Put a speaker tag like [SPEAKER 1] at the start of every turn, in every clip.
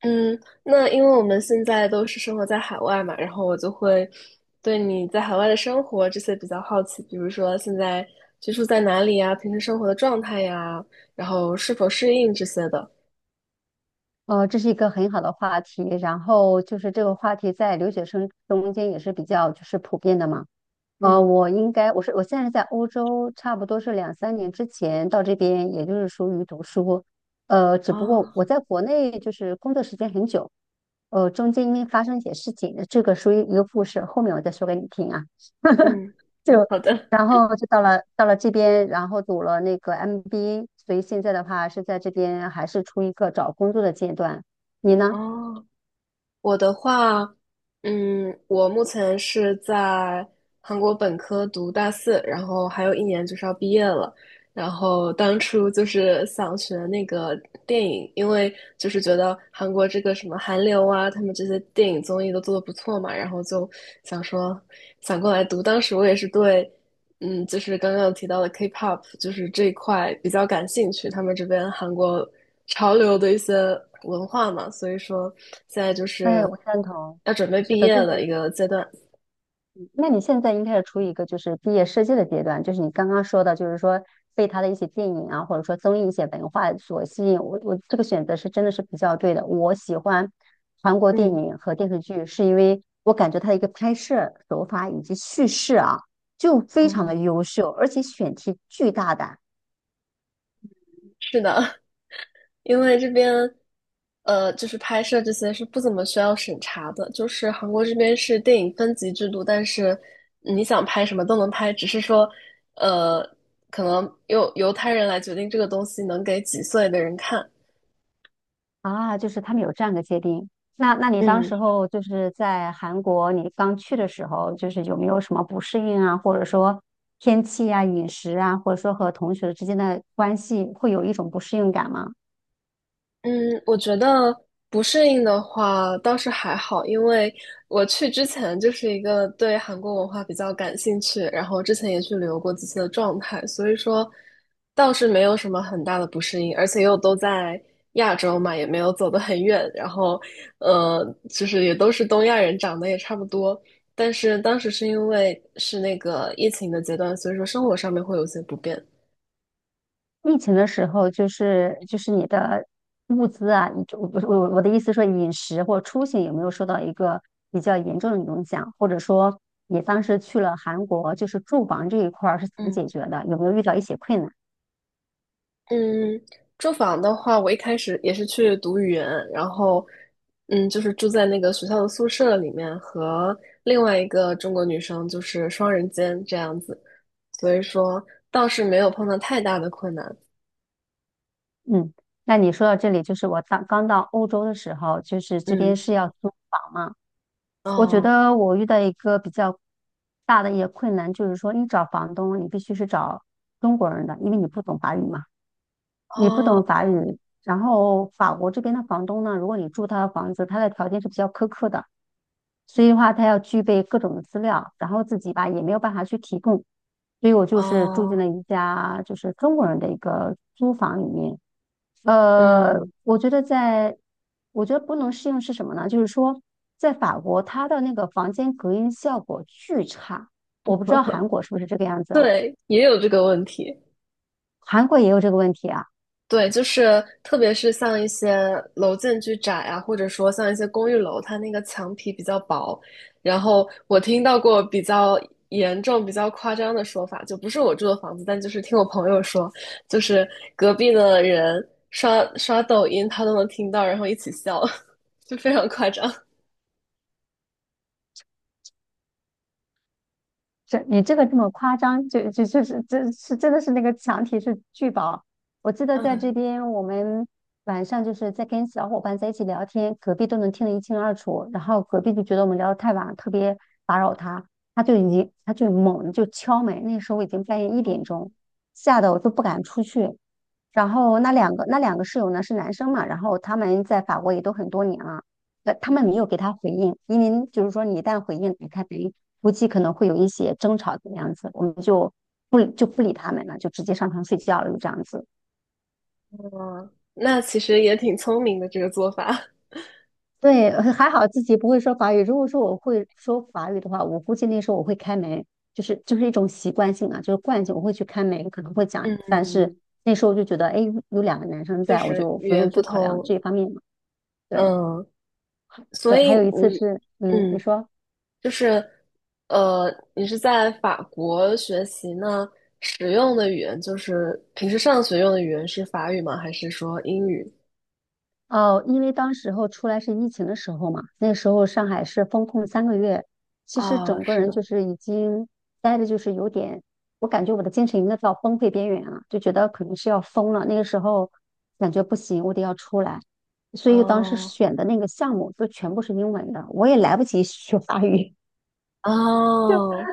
[SPEAKER 1] 嗯，那因为我们现在都是生活在海外嘛，然后我就会对你在海外的生活这些比较好奇，比如说现在居住在哪里呀，平时生活的状态呀，然后是否适应这些的。
[SPEAKER 2] 这是一个很好的话题，然后就是这个话题在留学生中间也是比较就是普遍的嘛。呃，
[SPEAKER 1] 嗯，
[SPEAKER 2] 我应该我是我现在是在欧洲，差不多是两三年之前到这边，也就是属于读书。只不过
[SPEAKER 1] 哦，
[SPEAKER 2] 我在国内就是工作时间很久，中间因为发生一些事情，这个属于一个故事，后面我再说给你听啊。
[SPEAKER 1] 嗯，
[SPEAKER 2] 就
[SPEAKER 1] 好的，
[SPEAKER 2] 然后就到了这边，然后读了那个 MBA,所以现在的话是在这边还是处于一个找工作的阶段。你呢？
[SPEAKER 1] 哦。我的话，我目前是在韩国本科读大四，然后还有一年就是要毕业了。然后当初就是想学那个电影，因为就是觉得韩国这个什么韩流啊，他们这些电影综艺都做的不错嘛，然后就想说想过来读。当时我也是对。就是刚刚有提到的 K-pop，就是这一块比较感兴趣，他们这边韩国潮流的一些文化嘛，所以说现在就
[SPEAKER 2] 哎，
[SPEAKER 1] 是
[SPEAKER 2] 我赞同。
[SPEAKER 1] 要准备
[SPEAKER 2] 是
[SPEAKER 1] 毕
[SPEAKER 2] 的，
[SPEAKER 1] 业
[SPEAKER 2] 就是
[SPEAKER 1] 的
[SPEAKER 2] 你，
[SPEAKER 1] 一个阶段。
[SPEAKER 2] 那你现在应该是处于一个就是毕业设计的阶段，就是你刚刚说的，就是说被他的一些电影啊、或者说综艺一些文化所吸引。我这个选择是真的是比较对的。我喜欢韩国电
[SPEAKER 1] 嗯，
[SPEAKER 2] 影和电视剧，是因为我感觉它的一个拍摄手法以及叙事啊，就非常的
[SPEAKER 1] 嗯，
[SPEAKER 2] 优秀，而且选题巨大胆。
[SPEAKER 1] 是的，因为这边就是拍摄这些是不怎么需要审查的，就是韩国这边是电影分级制度，但是你想拍什么都能拍，只是说呃，可能由他人来决定这个东西能给几岁的人看。
[SPEAKER 2] 啊，就是他们有这样的界定。那你当
[SPEAKER 1] 嗯。
[SPEAKER 2] 时候就是在韩国，你刚去的时候，就是有没有什么不适应啊，或者说天气啊、饮食啊，或者说和同学之间的关系，会有一种不适应感吗？
[SPEAKER 1] 嗯，我觉得不适应的话倒是还好，因为我去之前就是一个对韩国文化比较感兴趣，然后之前也去旅游过几次的状态，所以说倒是没有什么很大的不适应，而且又都在亚洲嘛，也没有走得很远，然后就是也都是东亚人，长得也差不多，但是当时是因为是那个疫情的阶段，所以说生活上面会有些不便。
[SPEAKER 2] 疫情的时候，就是你的物资啊，我不是我的意思说饮食或出行有没有受到一个比较严重的影响，或者说你当时去了韩国，就是住房这一块儿是怎么解
[SPEAKER 1] 嗯。
[SPEAKER 2] 决的？有没有遇到一些困难？
[SPEAKER 1] 嗯，住房的话，我一开始也是去读语言，然后，就是住在那个学校的宿舍里面，和另外一个中国女生就是双人间这样子，所以说倒是没有碰到太大的困难。
[SPEAKER 2] 嗯，那你说到这里，就是我当刚到欧洲的时候，就是这边
[SPEAKER 1] 嗯，
[SPEAKER 2] 是要租房嘛。我觉
[SPEAKER 1] 哦，
[SPEAKER 2] 得我遇到一个比较大的一个困难，就是说你找房东，你必须是找中国人的，因为你不懂法语嘛，你不懂法
[SPEAKER 1] 哦，
[SPEAKER 2] 语。然后法国这边的房东呢，如果你住他的房子，他的条件是比较苛刻的，所以的话，他要具备各种的资料，然后自己吧也没有办法去提供，所以我就是住进
[SPEAKER 1] 哦，
[SPEAKER 2] 了一家就是中国人的一个租房里面。呃，
[SPEAKER 1] 嗯，
[SPEAKER 2] 我觉得在，我觉得不能适应是什么呢？就是说，在法国，它的那个房间隔音效果巨差，我不知道韩国是不是这个样子啊？
[SPEAKER 1] 对，也有这个问题。
[SPEAKER 2] 韩国也有这个问题啊。
[SPEAKER 1] 对，就是特别是像一些楼间距窄啊，或者说像一些公寓楼，它那个墙皮比较薄。然后我听到过比较严重、比较夸张的说法，就不是我住的房子，但就是听我朋友说，就是隔壁的人刷刷抖音，他都能听到，然后一起笑，就非常夸张。
[SPEAKER 2] 这你这个这么夸张，就是这是真的是那个墙体是巨薄。我记得在
[SPEAKER 1] 嗯，
[SPEAKER 2] 这边，我们晚上就是在跟小伙伴在一起聊天，隔壁都能听得一清二楚。然后隔壁就觉得我们聊得太晚了特别打扰他，他就已经他就猛地就敲门。那时候已经半夜一点钟，吓得我都不敢出去。然后那两个室友呢是男生嘛，然后他们在法国也都很多年了。他们没有给他回应，因为就是说你一旦回应，他等于估计可能会有一些争吵的样子，我们就不理他们了，就直接上床睡觉了，就这样子。
[SPEAKER 1] 哦，那其实也挺聪明的这个做法，
[SPEAKER 2] 对，还好自己不会说法语。如果说我会说法语的话，我估计那时候我会开门，就是一种习惯性啊，就是惯性，我会去开门，可能会 讲。
[SPEAKER 1] 嗯，
[SPEAKER 2] 但是那时候就觉得，哎，有两个男生
[SPEAKER 1] 确
[SPEAKER 2] 在，我
[SPEAKER 1] 实
[SPEAKER 2] 就
[SPEAKER 1] 语
[SPEAKER 2] 不用
[SPEAKER 1] 言不
[SPEAKER 2] 去考量这一
[SPEAKER 1] 通。
[SPEAKER 2] 方面嘛。对
[SPEAKER 1] 嗯，所
[SPEAKER 2] 对，还
[SPEAKER 1] 以
[SPEAKER 2] 有一次
[SPEAKER 1] 。
[SPEAKER 2] 是，嗯，你
[SPEAKER 1] 嗯，
[SPEAKER 2] 说。
[SPEAKER 1] 就是，呃，你是在法国学习呢，使用的语言就是平时上学用的语言是法语吗？还是说英语？
[SPEAKER 2] 哦，因为当时候出来是疫情的时候嘛，那时候上海是封控三个月，其实
[SPEAKER 1] 啊，
[SPEAKER 2] 整个
[SPEAKER 1] 是
[SPEAKER 2] 人
[SPEAKER 1] 的，
[SPEAKER 2] 就是已经待的，就是有点，我感觉我的精神已经到崩溃边缘了，就觉得可能是要疯了。那个时候感觉不行，我得要出来，所以当时
[SPEAKER 1] 哦
[SPEAKER 2] 选的那个项目都全部是英文的，我也来不及学法语，
[SPEAKER 1] 哦，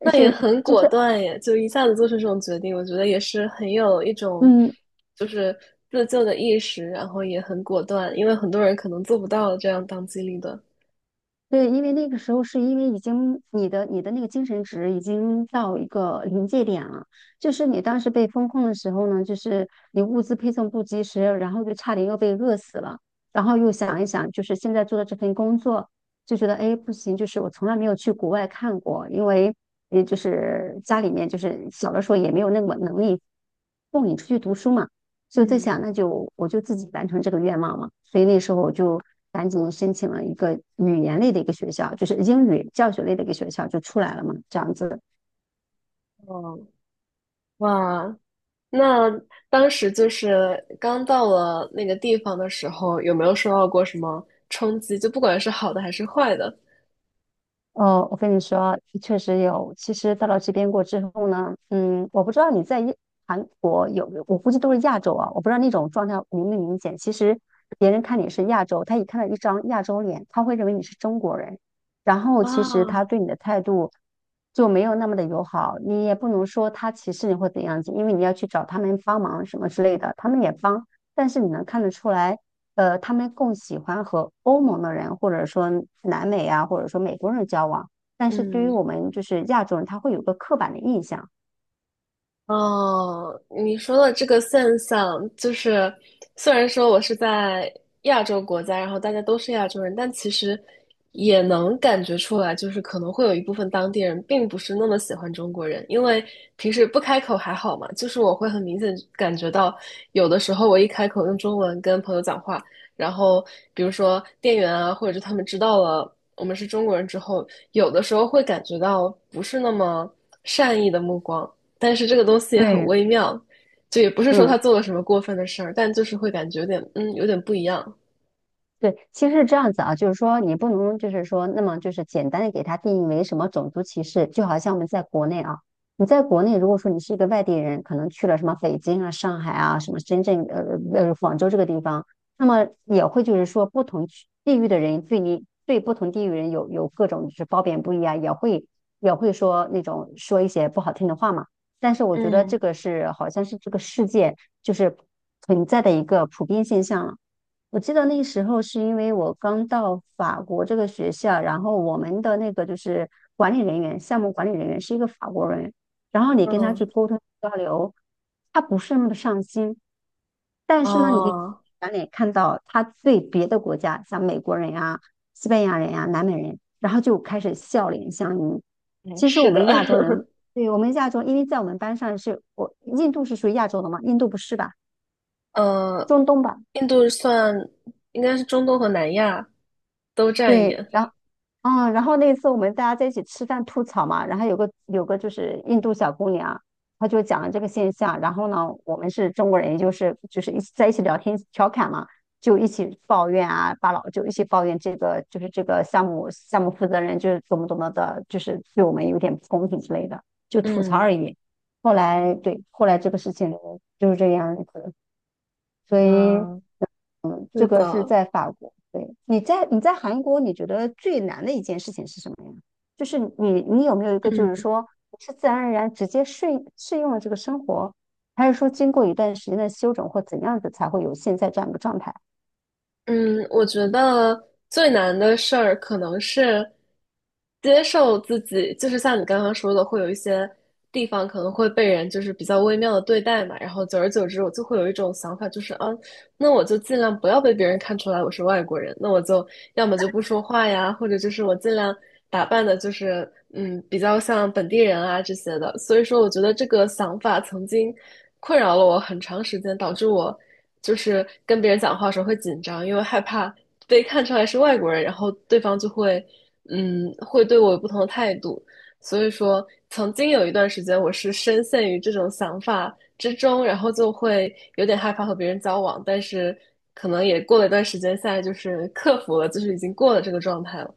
[SPEAKER 1] 那也
[SPEAKER 2] 是
[SPEAKER 1] 很
[SPEAKER 2] 就
[SPEAKER 1] 果
[SPEAKER 2] 是
[SPEAKER 1] 断耶，就一下子做出这种决定，我觉得也是很有一种
[SPEAKER 2] 嗯，
[SPEAKER 1] 就是自救的意识，然后也很果断，因为很多人可能做不到这样当机立断。
[SPEAKER 2] 对，因为那个时候是因为已经你的那个精神值已经到一个临界点了，就是你当时被封控的时候呢，就是你物资配送不及时，然后就差点又被饿死了，然后又想一想，就是现在做的这份工作，就觉得哎不行，就是我从来没有去国外看过，因为也就是家里面就是小的时候也没有那么能力供你出去读书嘛。就在
[SPEAKER 1] 嗯，
[SPEAKER 2] 想，那就我就自己完成这个愿望嘛。所以那时候我就赶紧申请了一个语言类的一个学校，就是英语教学类的一个学校就出来了嘛，这样子。
[SPEAKER 1] 哦，哇，那当时就是刚到了那个地方的时候，有没有受到过什么冲击？就不管是好的还是坏的
[SPEAKER 2] 哦，我跟你说，确实有。其实到了这边过之后呢，嗯，我不知道你韩国有，我估计都是亚洲啊，我不知道那种状态明不明显。其实别人看你是亚洲，他一看到一张亚洲脸，他会认为你是中国人，然后其实他
[SPEAKER 1] 啊，
[SPEAKER 2] 对你的态度就没有那么的友好。你也不能说他歧视你或怎样子，因为你要去找他们帮忙什么之类的，他们也帮，但是你能看得出来。他们更喜欢和欧盟的人，或者说南美啊，或者说美国人交往。但是对于
[SPEAKER 1] 嗯
[SPEAKER 2] 我们就是亚洲人，他会有个刻板的印象。
[SPEAKER 1] 哦，你说的这个现象，就是虽然说我是在亚洲国家，然后大家都是亚洲人，但其实也能感觉出来，就是可能会有一部分当地人并不是那么喜欢中国人，因为平时不开口还好嘛，就是我会很明显感觉到，有的时候我一开口用中文跟朋友讲话，然后比如说店员啊，或者是他们知道了我们是中国人之后，有的时候会感觉到不是那么善意的目光。但是这个东西也很
[SPEAKER 2] 对，
[SPEAKER 1] 微妙，就也不是说他
[SPEAKER 2] 嗯，
[SPEAKER 1] 做了什么过分的事儿，但就是会感觉有点，有点不一样。
[SPEAKER 2] 对，其实是这样子啊，就是说你不能就是说那么就是简单的给它定义为什么种族歧视，就好像我们在国内啊，你在国内如果说你是一个外地人，可能去了什么北京啊、上海啊、什么深圳、广州这个地方，那么也会就是说不同区地域的人对你对不同地域人有各种就是褒贬不一啊，也会说那种说一些不好听的话嘛。但是我觉得
[SPEAKER 1] 嗯
[SPEAKER 2] 这个是好像是这个世界就是存在的一个普遍现象了。我记得那时候是因为我刚到法国这个学校，然后我们的那个就是管理人员，项目管理人员是一个法国人，然后你跟他
[SPEAKER 1] 嗯，
[SPEAKER 2] 去沟通交流，他不是那么的上心，但是呢，你
[SPEAKER 1] 哦，
[SPEAKER 2] 转脸看到他对别的国家，像美国人呀、西班牙人呀、南美人，然后就开始笑脸相迎。
[SPEAKER 1] 嗯，
[SPEAKER 2] 其实
[SPEAKER 1] 是
[SPEAKER 2] 我
[SPEAKER 1] 的，
[SPEAKER 2] 们亚洲人，对我们亚洲，因为在我们班上是我印度是属于亚洲的嘛，印度不是吧？
[SPEAKER 1] 呃，
[SPEAKER 2] 中东吧？
[SPEAKER 1] 印度算应该是中东和南亚都占一
[SPEAKER 2] 对，
[SPEAKER 1] 点。
[SPEAKER 2] 然后。啊，然后那次我们大家在一起吃饭吐槽嘛，然后有个就是印度小姑娘，她就讲了这个现象，然后呢，我们是中国人，也就是就是一起在一起聊天调侃嘛，就一起抱怨啊，把老就一起抱怨这个就是这个项目负责人就是怎么怎么的，就是对我们有点不公平之类的，就吐槽
[SPEAKER 1] 嗯
[SPEAKER 2] 而已。后来对，后来这个事情就是这样子，所以
[SPEAKER 1] 那，
[SPEAKER 2] 这
[SPEAKER 1] 是
[SPEAKER 2] 个是
[SPEAKER 1] 的，
[SPEAKER 2] 在法国。对，你在韩国，你觉得最难的一件事情是什么呀？就是你有没有一个就是
[SPEAKER 1] 嗯。
[SPEAKER 2] 说是自然而然直接适应了这个生活，还是说经过一段时间的修整或怎样子才会有现在这样一个状态？
[SPEAKER 1] 嗯，我觉得最难的事儿可能是接受自己，就是像你刚刚说的，会有一些地方可能会被人就是比较微妙的对待嘛，然后久而久之，我就会有一种想法，就是啊，那我就尽量不要被别人看出来我是外国人，那我就要么就不说话呀，或者就是我尽量打扮的，就是比较像本地人啊这些的。所以说，我觉得这个想法曾经，困扰了我很长时间，导致我就是跟别人讲话的时候会紧张，因为害怕被看出来是外国人，然后对方就会对我有不同的态度。所以说，曾经有一段时间我是深陷于这种想法之中，然后就会有点害怕和别人交往，但是可能也过了一段时间，现在就是克服了，就是已经过了这个状态了。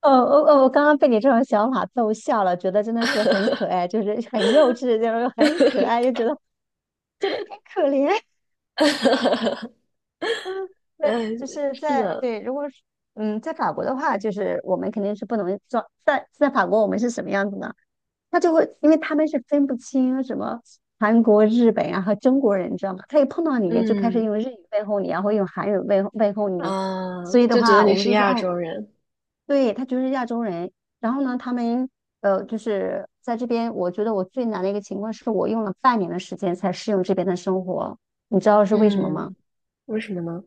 [SPEAKER 2] 哦哦哦！我刚刚被你这种想法逗笑了，觉得真的是很可爱，就是很幼稚，就是很可爱，就觉得有点可怜。嗯，对，
[SPEAKER 1] 嗯，
[SPEAKER 2] 就是
[SPEAKER 1] 是
[SPEAKER 2] 在
[SPEAKER 1] 的，
[SPEAKER 2] 对，如果是在法国的话，就是我们肯定是不能装。在法国，我们是什么样子呢？他就会，因为他们是分不清什么韩国、日本啊和中国人，你知道吗？他一碰到你就开始
[SPEAKER 1] 嗯
[SPEAKER 2] 用日语问候你啊然后用韩语问候你。
[SPEAKER 1] 啊，
[SPEAKER 2] 所以的
[SPEAKER 1] 就觉得
[SPEAKER 2] 话，
[SPEAKER 1] 你
[SPEAKER 2] 我们
[SPEAKER 1] 是
[SPEAKER 2] 就说
[SPEAKER 1] 亚
[SPEAKER 2] 哦，
[SPEAKER 1] 洲人，
[SPEAKER 2] 对，他就是亚洲人。然后呢，他们就是在这边，我觉得我最难的一个情况是我用了半年的时间才适应这边的生活，你知道是为什么
[SPEAKER 1] 嗯。
[SPEAKER 2] 吗？
[SPEAKER 1] 为什么呢？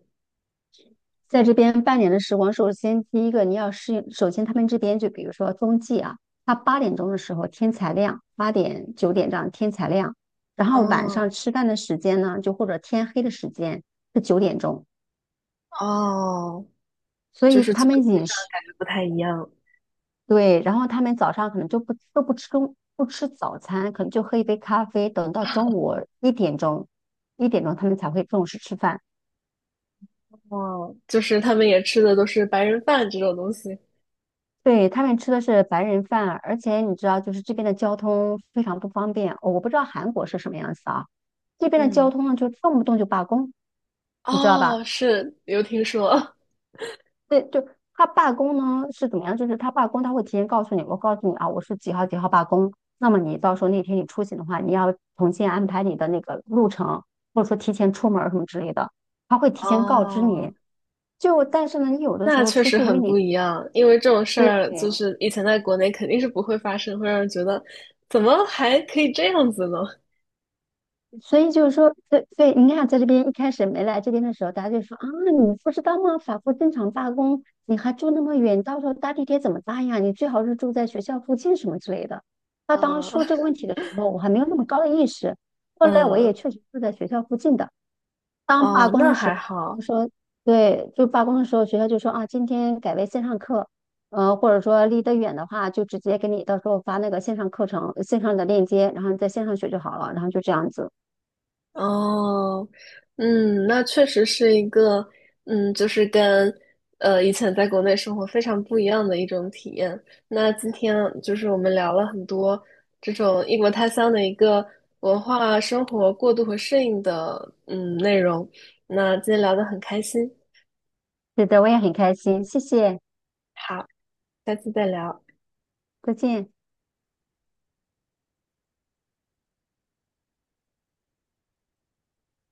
[SPEAKER 2] 在这边半年的时光，首先第一个你要适应，首先他们这边就比如说冬季啊，它8点钟的时候天才亮，8点9点这样天才亮，然后晚
[SPEAKER 1] 哦
[SPEAKER 2] 上吃饭的时间呢，就或者天黑的时间是9点钟，
[SPEAKER 1] 哦，
[SPEAKER 2] 所
[SPEAKER 1] 就
[SPEAKER 2] 以
[SPEAKER 1] 是
[SPEAKER 2] 他
[SPEAKER 1] 作
[SPEAKER 2] 们
[SPEAKER 1] 息
[SPEAKER 2] 饮
[SPEAKER 1] 上
[SPEAKER 2] 食
[SPEAKER 1] 感觉不太一样。
[SPEAKER 2] 对，然后他们早上可能就不都不吃不吃早餐，可能就喝一杯咖啡，等到中午一点钟一点钟他们才会正式吃饭，
[SPEAKER 1] 哦，就是他们也吃的都是白人饭这种东西。
[SPEAKER 2] 对，他们吃的是白人饭，而且你知道，就是这边的交通非常不方便。我不知道韩国是什么样子啊，这边的交
[SPEAKER 1] 嗯，
[SPEAKER 2] 通呢，就动不动就罢工，你知道吧？
[SPEAKER 1] 哦，是有听说。
[SPEAKER 2] 对，就他罢工呢是怎么样？就是他罢工，他会提前告诉你，我告诉你啊，我是几号几号罢工。那么你到时候那天你出行的话，你要重新安排你的那个路程，或者说提前出门儿什么之类的，他会 提前告知
[SPEAKER 1] 哦，
[SPEAKER 2] 你。就但是呢，你有的时
[SPEAKER 1] 那
[SPEAKER 2] 候
[SPEAKER 1] 确
[SPEAKER 2] 出
[SPEAKER 1] 实
[SPEAKER 2] 去，因为
[SPEAKER 1] 很不
[SPEAKER 2] 你
[SPEAKER 1] 一样，因为这种事
[SPEAKER 2] 对。
[SPEAKER 1] 儿就是以前在国内肯定是不会发生，会让人觉得怎么还可以这样子呢？
[SPEAKER 2] 所以就是说，对对，你看，在这边一开始没来这边的时候，大家就说啊，你不知道吗？法国正常罢工，你还住那么远，到时候搭地铁怎么搭呀？你最好是住在学校附近什么之类的。他当时
[SPEAKER 1] 啊、
[SPEAKER 2] 说这个问题的时候，我还没有那么高的意识。后来我也
[SPEAKER 1] 嗯，
[SPEAKER 2] 确实住在学校附近的。当罢
[SPEAKER 1] 哦，
[SPEAKER 2] 工
[SPEAKER 1] 那
[SPEAKER 2] 的时
[SPEAKER 1] 还
[SPEAKER 2] 候，
[SPEAKER 1] 好。
[SPEAKER 2] 就说对，就罢工的时候，学校就说啊，今天改为线上课，或者说离得远的话，就直接给你到时候发那个线上课程、线上的链接，然后你在线上学就好了，然后就这样子。
[SPEAKER 1] 哦，嗯，那确实是一个，就是跟以前在国内生活非常不一样的一种体验。那今天就是我们聊了很多这种异国他乡的一个文化生活过渡和适应的内容。那今天聊得很开心，
[SPEAKER 2] 是的，我也很开心，谢谢，
[SPEAKER 1] 好，下次再聊。
[SPEAKER 2] 再见。